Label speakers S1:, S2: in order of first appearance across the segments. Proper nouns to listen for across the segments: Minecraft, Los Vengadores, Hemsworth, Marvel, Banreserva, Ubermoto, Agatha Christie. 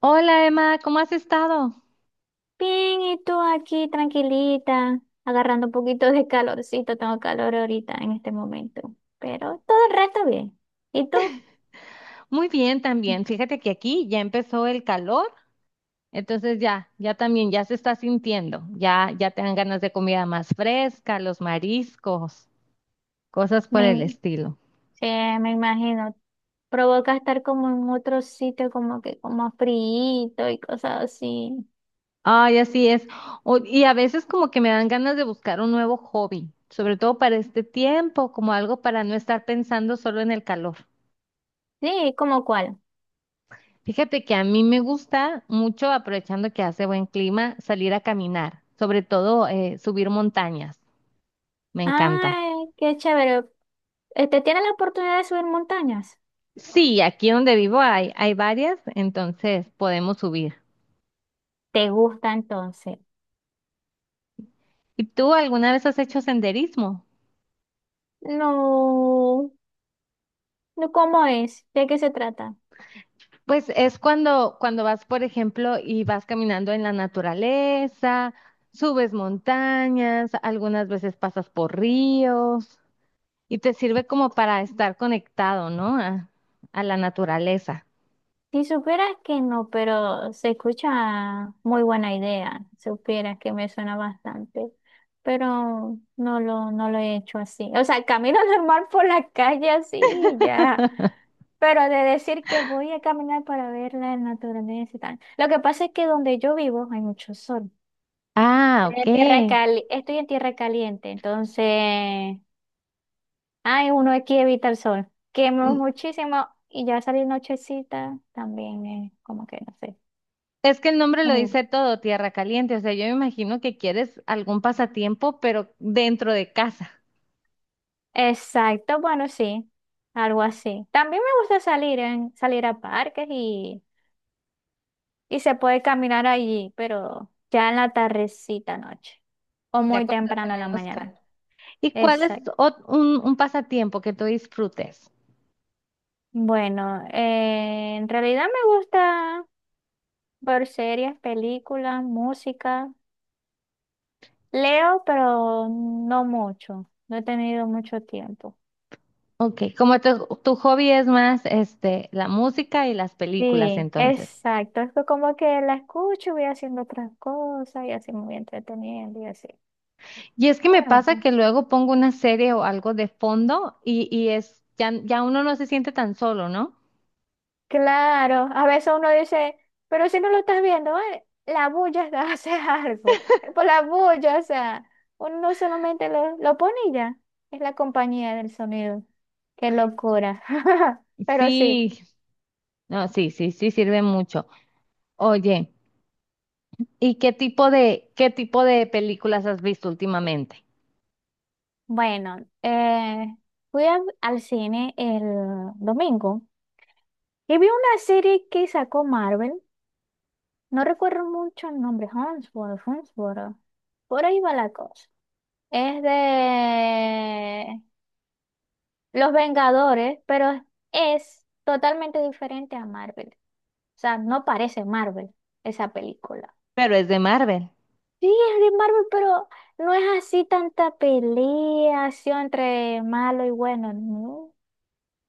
S1: Hola Emma, ¿cómo has estado?
S2: Bien, ¿y tú aquí tranquilita, agarrando un poquito de calorcito? Tengo calor ahorita en este momento, pero todo el resto bien. ¿Y tú?
S1: Muy bien también. Fíjate que aquí ya empezó el calor, entonces ya también, ya se está sintiendo. Ya, ya te dan ganas de comida más fresca, los mariscos, cosas por
S2: Me,
S1: el
S2: im-
S1: estilo.
S2: sí, me imagino, provoca estar como en otro sitio, como que como frío y cosas así.
S1: Ay, así es. Y a veces como que me dan ganas de buscar un nuevo hobby, sobre todo para este tiempo, como algo para no estar pensando solo en el calor.
S2: Sí, ¿como cuál?
S1: Fíjate que a mí me gusta mucho, aprovechando que hace buen clima, salir a caminar, sobre todo subir montañas. Me encanta.
S2: Ay, qué chévere. Este, ¿tienes la oportunidad de subir montañas?
S1: Sí, aquí donde vivo hay varias, entonces podemos subir.
S2: ¿Te gusta entonces?
S1: ¿Y tú alguna vez has hecho senderismo?
S2: No, no, ¿cómo es? ¿De qué se trata?
S1: Pues es cuando, cuando vas, por ejemplo, y vas caminando en la naturaleza, subes montañas, algunas veces pasas por ríos y te sirve como para estar conectado, ¿no? A la naturaleza.
S2: Si supieras que no, pero se escucha muy buena idea, supieras que me suena bastante, pero no lo he hecho así. O sea, camino normal por la calle así, y ya, pero de decir que voy a caminar para ver la naturaleza y tal. Lo que pasa es que donde yo vivo hay mucho sol.
S1: Ah, ok.
S2: Estoy en tierra caliente, entonces, ay, uno aquí evita el sol. Quemo
S1: N-
S2: muchísimo y ya salir nochecita también es como que no
S1: Es que el nombre
S2: sé.
S1: lo dice todo, tierra caliente. O sea, yo me imagino que quieres algún pasatiempo, pero dentro de casa,
S2: Exacto, bueno, sí, algo así. También me gusta salir a parques y se puede caminar allí, pero ya en la tardecita noche o
S1: de
S2: muy
S1: acuérdate
S2: temprano en la
S1: menos
S2: mañana.
S1: calor. ¿Y cuál es
S2: Exacto.
S1: un pasatiempo que tú disfrutes?
S2: Bueno, en realidad me gusta ver series, películas, música. Leo, pero no mucho. No he tenido mucho tiempo.
S1: Ok, como tu hobby es más este, la música y las películas,
S2: Sí,
S1: entonces.
S2: exacto. Es que como que la escucho, voy haciendo otras cosas y así me voy entreteniendo y así.
S1: Y es que
S2: Me
S1: me pasa
S2: gusta.
S1: que luego pongo una serie o algo de fondo y es, ya uno no se siente tan solo, ¿no?
S2: Claro, a veces uno dice, pero si no lo estás viendo, la bulla hace algo. Es por la bulla, o sea, uno no solamente lo pone y ya. Es la compañía del sonido. Qué locura. Pero sí,
S1: Sí, no, sí, sí, sí sirve mucho. Oye. ¿Y qué tipo de películas has visto últimamente?
S2: bueno, eh, al cine el domingo y vi una serie que sacó Marvel. No recuerdo mucho el nombre, Hemsworth. Por ahí va la cosa. Es de Los Vengadores, pero es totalmente diferente a Marvel. O sea, no parece Marvel esa película.
S1: Pero es de Marvel.
S2: Sí, es de Marvel, pero no es así tanta pelea así entre malo y bueno, no.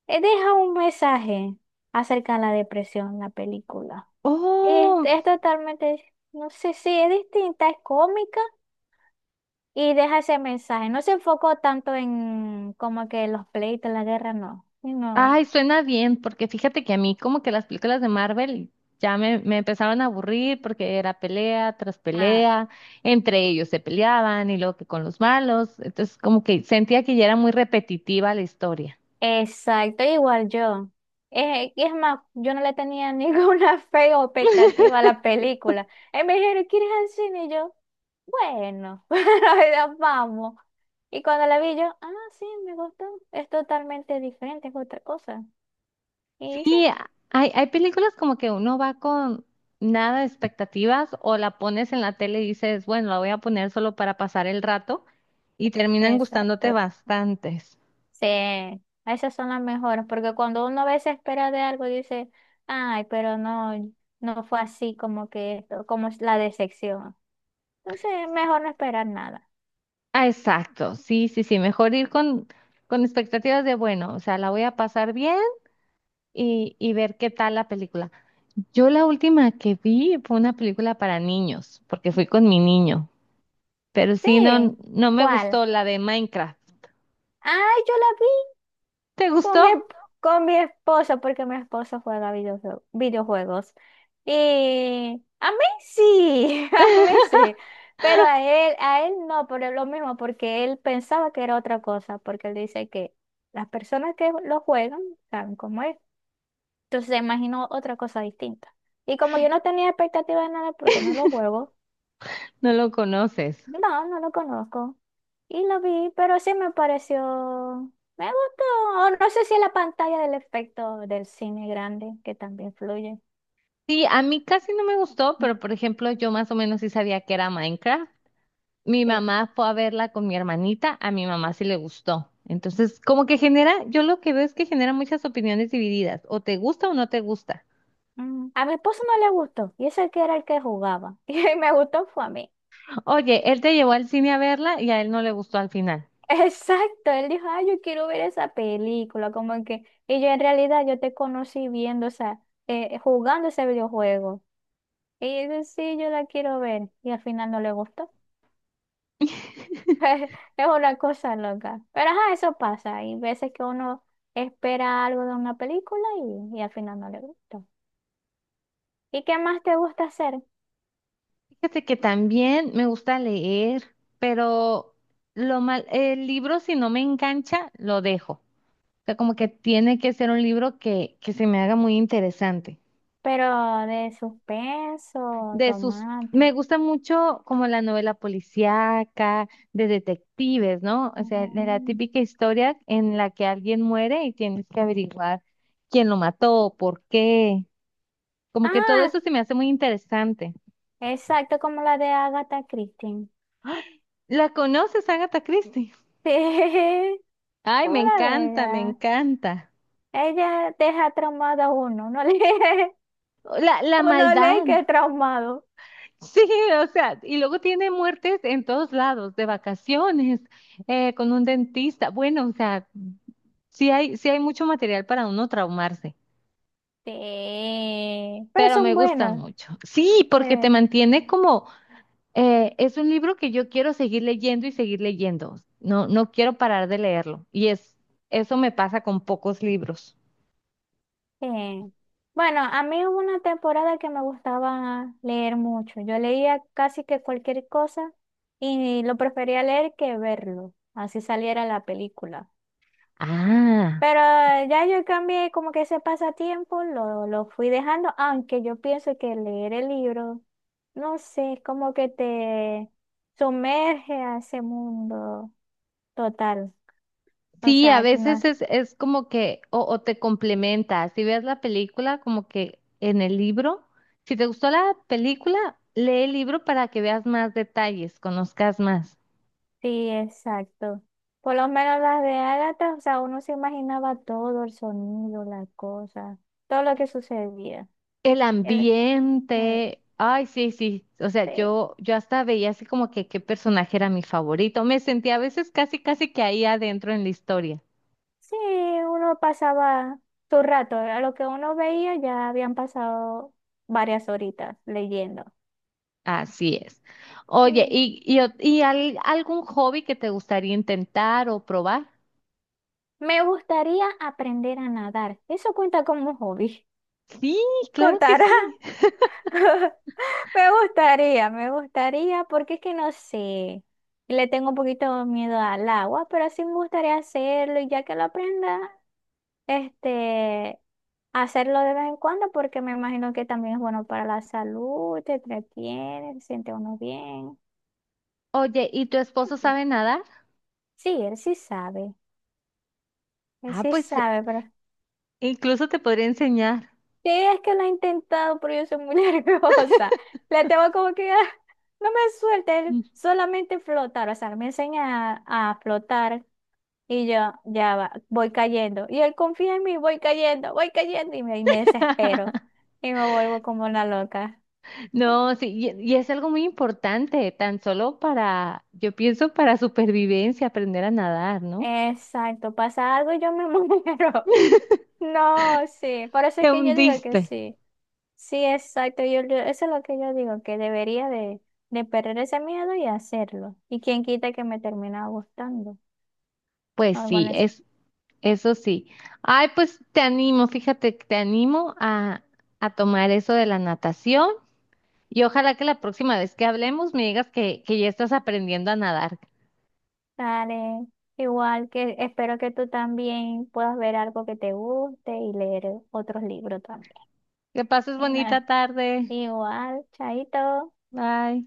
S2: Deja un mensaje acerca de la depresión, la película. Es,
S1: Oh,
S2: es totalmente, no sé si es distinta, es cómica y deja ese mensaje. No se enfocó tanto en como que los pleitos, la guerra, no,
S1: ay,
S2: sino
S1: suena bien, porque fíjate que a mí como que las películas de Marvel ya me empezaron a aburrir porque era pelea tras
S2: ah.
S1: pelea, entre ellos se peleaban y luego que con los malos, entonces como que sentía que ya era muy repetitiva la historia.
S2: Exacto, igual yo. Es más, yo no le tenía ninguna fe o expectativa a la película. Y me dijeron, ¿quieres ir al cine? Y yo, bueno, ya vamos. Y cuando la vi yo, ah, sí, me gustó. Es totalmente diferente, es otra cosa. Y sí,
S1: Sí, hay, hay películas como que uno va con nada de expectativas o la pones en la tele y dices, bueno, la voy a poner solo para pasar el rato y terminan gustándote
S2: exacto.
S1: bastantes.
S2: Sí, esas son las mejores, porque cuando uno a veces espera de algo, dice, ay, pero no, no fue así como que esto, como es la decepción. Entonces, mejor no esperar nada.
S1: Ah, exacto, sí, sí, sí, mejor ir con expectativas de, bueno, o sea, la voy a pasar bien y ver qué tal la película. Yo la última que vi fue una película para niños, porque fui con mi niño, pero sí, no,
S2: Sí,
S1: no me
S2: ¿cuál?
S1: gustó la de Minecraft.
S2: Ah, yo la vi
S1: ¿Te
S2: con mi,
S1: gustó?
S2: esp- con mi esposo, porque mi esposo juega videojuegos. Y a mí sí, a mí sí, pero a él no, por lo mismo, porque él pensaba que era otra cosa, porque él dice que las personas que lo juegan saben cómo es. Entonces se imaginó otra cosa distinta. Y como yo no tenía expectativa de nada porque no lo juego,
S1: No lo conoces.
S2: no, no lo conozco. Y lo vi, pero sí me pareció, me gustó. O no sé si es la pantalla del efecto del cine grande que también influye.
S1: Sí, a mí casi no me gustó, pero por ejemplo, yo más o menos sí sabía que era Minecraft. Mi
S2: Sí.
S1: mamá fue a verla con mi hermanita, a mi mamá sí le gustó. Entonces, como que genera, yo lo que veo es que genera muchas opiniones divididas, o te gusta o no te gusta.
S2: Mm, a mi esposo no le gustó, y ese que era el que jugaba. Y me gustó fue a mí.
S1: Oye, él te llevó al cine a verla y a él no le gustó al final.
S2: Exacto, él dijo, ay, yo quiero ver esa película, como que, y yo en realidad yo te conocí viendo, o sea, jugando ese videojuego. Y yo, sí, yo la quiero ver, y al final no le gustó. Es una cosa loca. Pero ajá, eso pasa. Hay veces que uno espera algo de una película y al final no le gusta. ¿Y qué más te gusta hacer?
S1: Fíjate que también me gusta leer, pero lo mal, el libro si no me engancha, lo dejo. O sea, como que tiene que ser un libro que se me haga muy interesante.
S2: Pero de suspenso,
S1: De sus, me
S2: romántico.
S1: gusta mucho como la novela policíaca, de detectives, ¿no? O sea, de la
S2: Mm.
S1: típica historia en la que alguien muere y tienes que averiguar quién lo mató, por qué. Como que todo
S2: Ah,
S1: eso se me hace muy interesante.
S2: exacto, como la de Agatha Christie.
S1: ¿La conoces, Agatha Christie?
S2: Sí,
S1: Ay, me
S2: como la de
S1: encanta, me
S2: ella.
S1: encanta.
S2: Ella deja traumado a uno. Uno lee,
S1: La
S2: uno lee
S1: maldad.
S2: que es traumado.
S1: Sí, o sea, y luego tiene muertes en todos lados, de vacaciones, con un dentista. Bueno, o sea, sí hay, sí hay mucho material para uno traumarse,
S2: Sí, pero
S1: pero me
S2: son
S1: gustan
S2: buenas.
S1: mucho. Sí,
S2: Sí.
S1: porque te mantiene como, es un libro que yo quiero seguir leyendo y seguir leyendo. No, no quiero parar de leerlo. Y es, eso me pasa con pocos libros.
S2: Sí. Bueno, a mí hubo una temporada que me gustaba leer mucho. Yo leía casi que cualquier cosa y lo prefería leer que verlo, así saliera la película.
S1: Ah,
S2: Pero ya yo cambié como que ese pasatiempo, lo fui dejando, aunque yo pienso que leer el libro, no sé, es como que te sumerge a ese mundo total. O
S1: sí, a
S2: sea, no,
S1: veces es como que, o te complementa. Si ves la película, como que en el libro, si te gustó la película, lee el libro para que veas más detalles, conozcas más.
S2: sí, exacto. Por lo menos las de Agatha, o sea, uno se imaginaba todo, el sonido, la cosa, todo lo que sucedía.
S1: El
S2: El- el-
S1: ambiente, ay, sí, sí, o
S2: sí,
S1: sea, yo hasta veía así como que qué personaje era mi favorito, me sentía a veces casi, casi que ahí adentro en la historia,
S2: sí, uno pasaba su rato, a lo que uno veía ya habían pasado varias horitas leyendo.
S1: así es.
S2: Sí.
S1: Oye, y, y algún hobby que te gustaría intentar o probar?
S2: Me gustaría aprender a nadar. Eso cuenta como hobby.
S1: Sí, claro que
S2: ¿Contará?
S1: sí.
S2: Me gustaría, porque es que no sé, le tengo un poquito de miedo al agua, pero sí me gustaría hacerlo y ya que lo aprenda, este, hacerlo de vez en cuando, porque me imagino que también es bueno para la salud, te entretiene, se siente uno bien.
S1: Oye, ¿y tu esposo sabe nadar?
S2: Sí, él
S1: Ah,
S2: sí
S1: pues
S2: sabe, pero
S1: incluso te podría enseñar.
S2: sí es que lo ha intentado, pero yo soy muy nerviosa. Le tengo como que, "Ah, no me suelte, él solamente flotar, o sea, me enseña a flotar. Y yo, ya va, voy cayendo. Y él confía en mí, voy cayendo, voy cayendo. Y me desespero. Y me vuelvo como una loca.
S1: No, sí, y es algo muy importante, tan solo para, yo pienso para supervivencia, aprender a nadar, ¿no?
S2: Exacto, pasa algo y yo me muero. No, sí. Por eso es
S1: Te
S2: que yo digo que
S1: hundiste.
S2: sí. Sí, exacto. Yo, eso es lo que yo digo, que debería de perder ese miedo y hacerlo. Y quién quita que me termina gustando.
S1: Pues
S2: Algo
S1: sí,
S2: necesario.
S1: es, eso sí. Ay, pues te animo, fíjate, que te animo a tomar eso de la natación y ojalá que la próxima vez que hablemos me digas que ya estás aprendiendo a nadar.
S2: Igual que espero que tú también puedas ver algo que te guste y leer otros libros también.
S1: Que pases bonita
S2: Bueno,
S1: tarde.
S2: igual, chaito.
S1: Bye.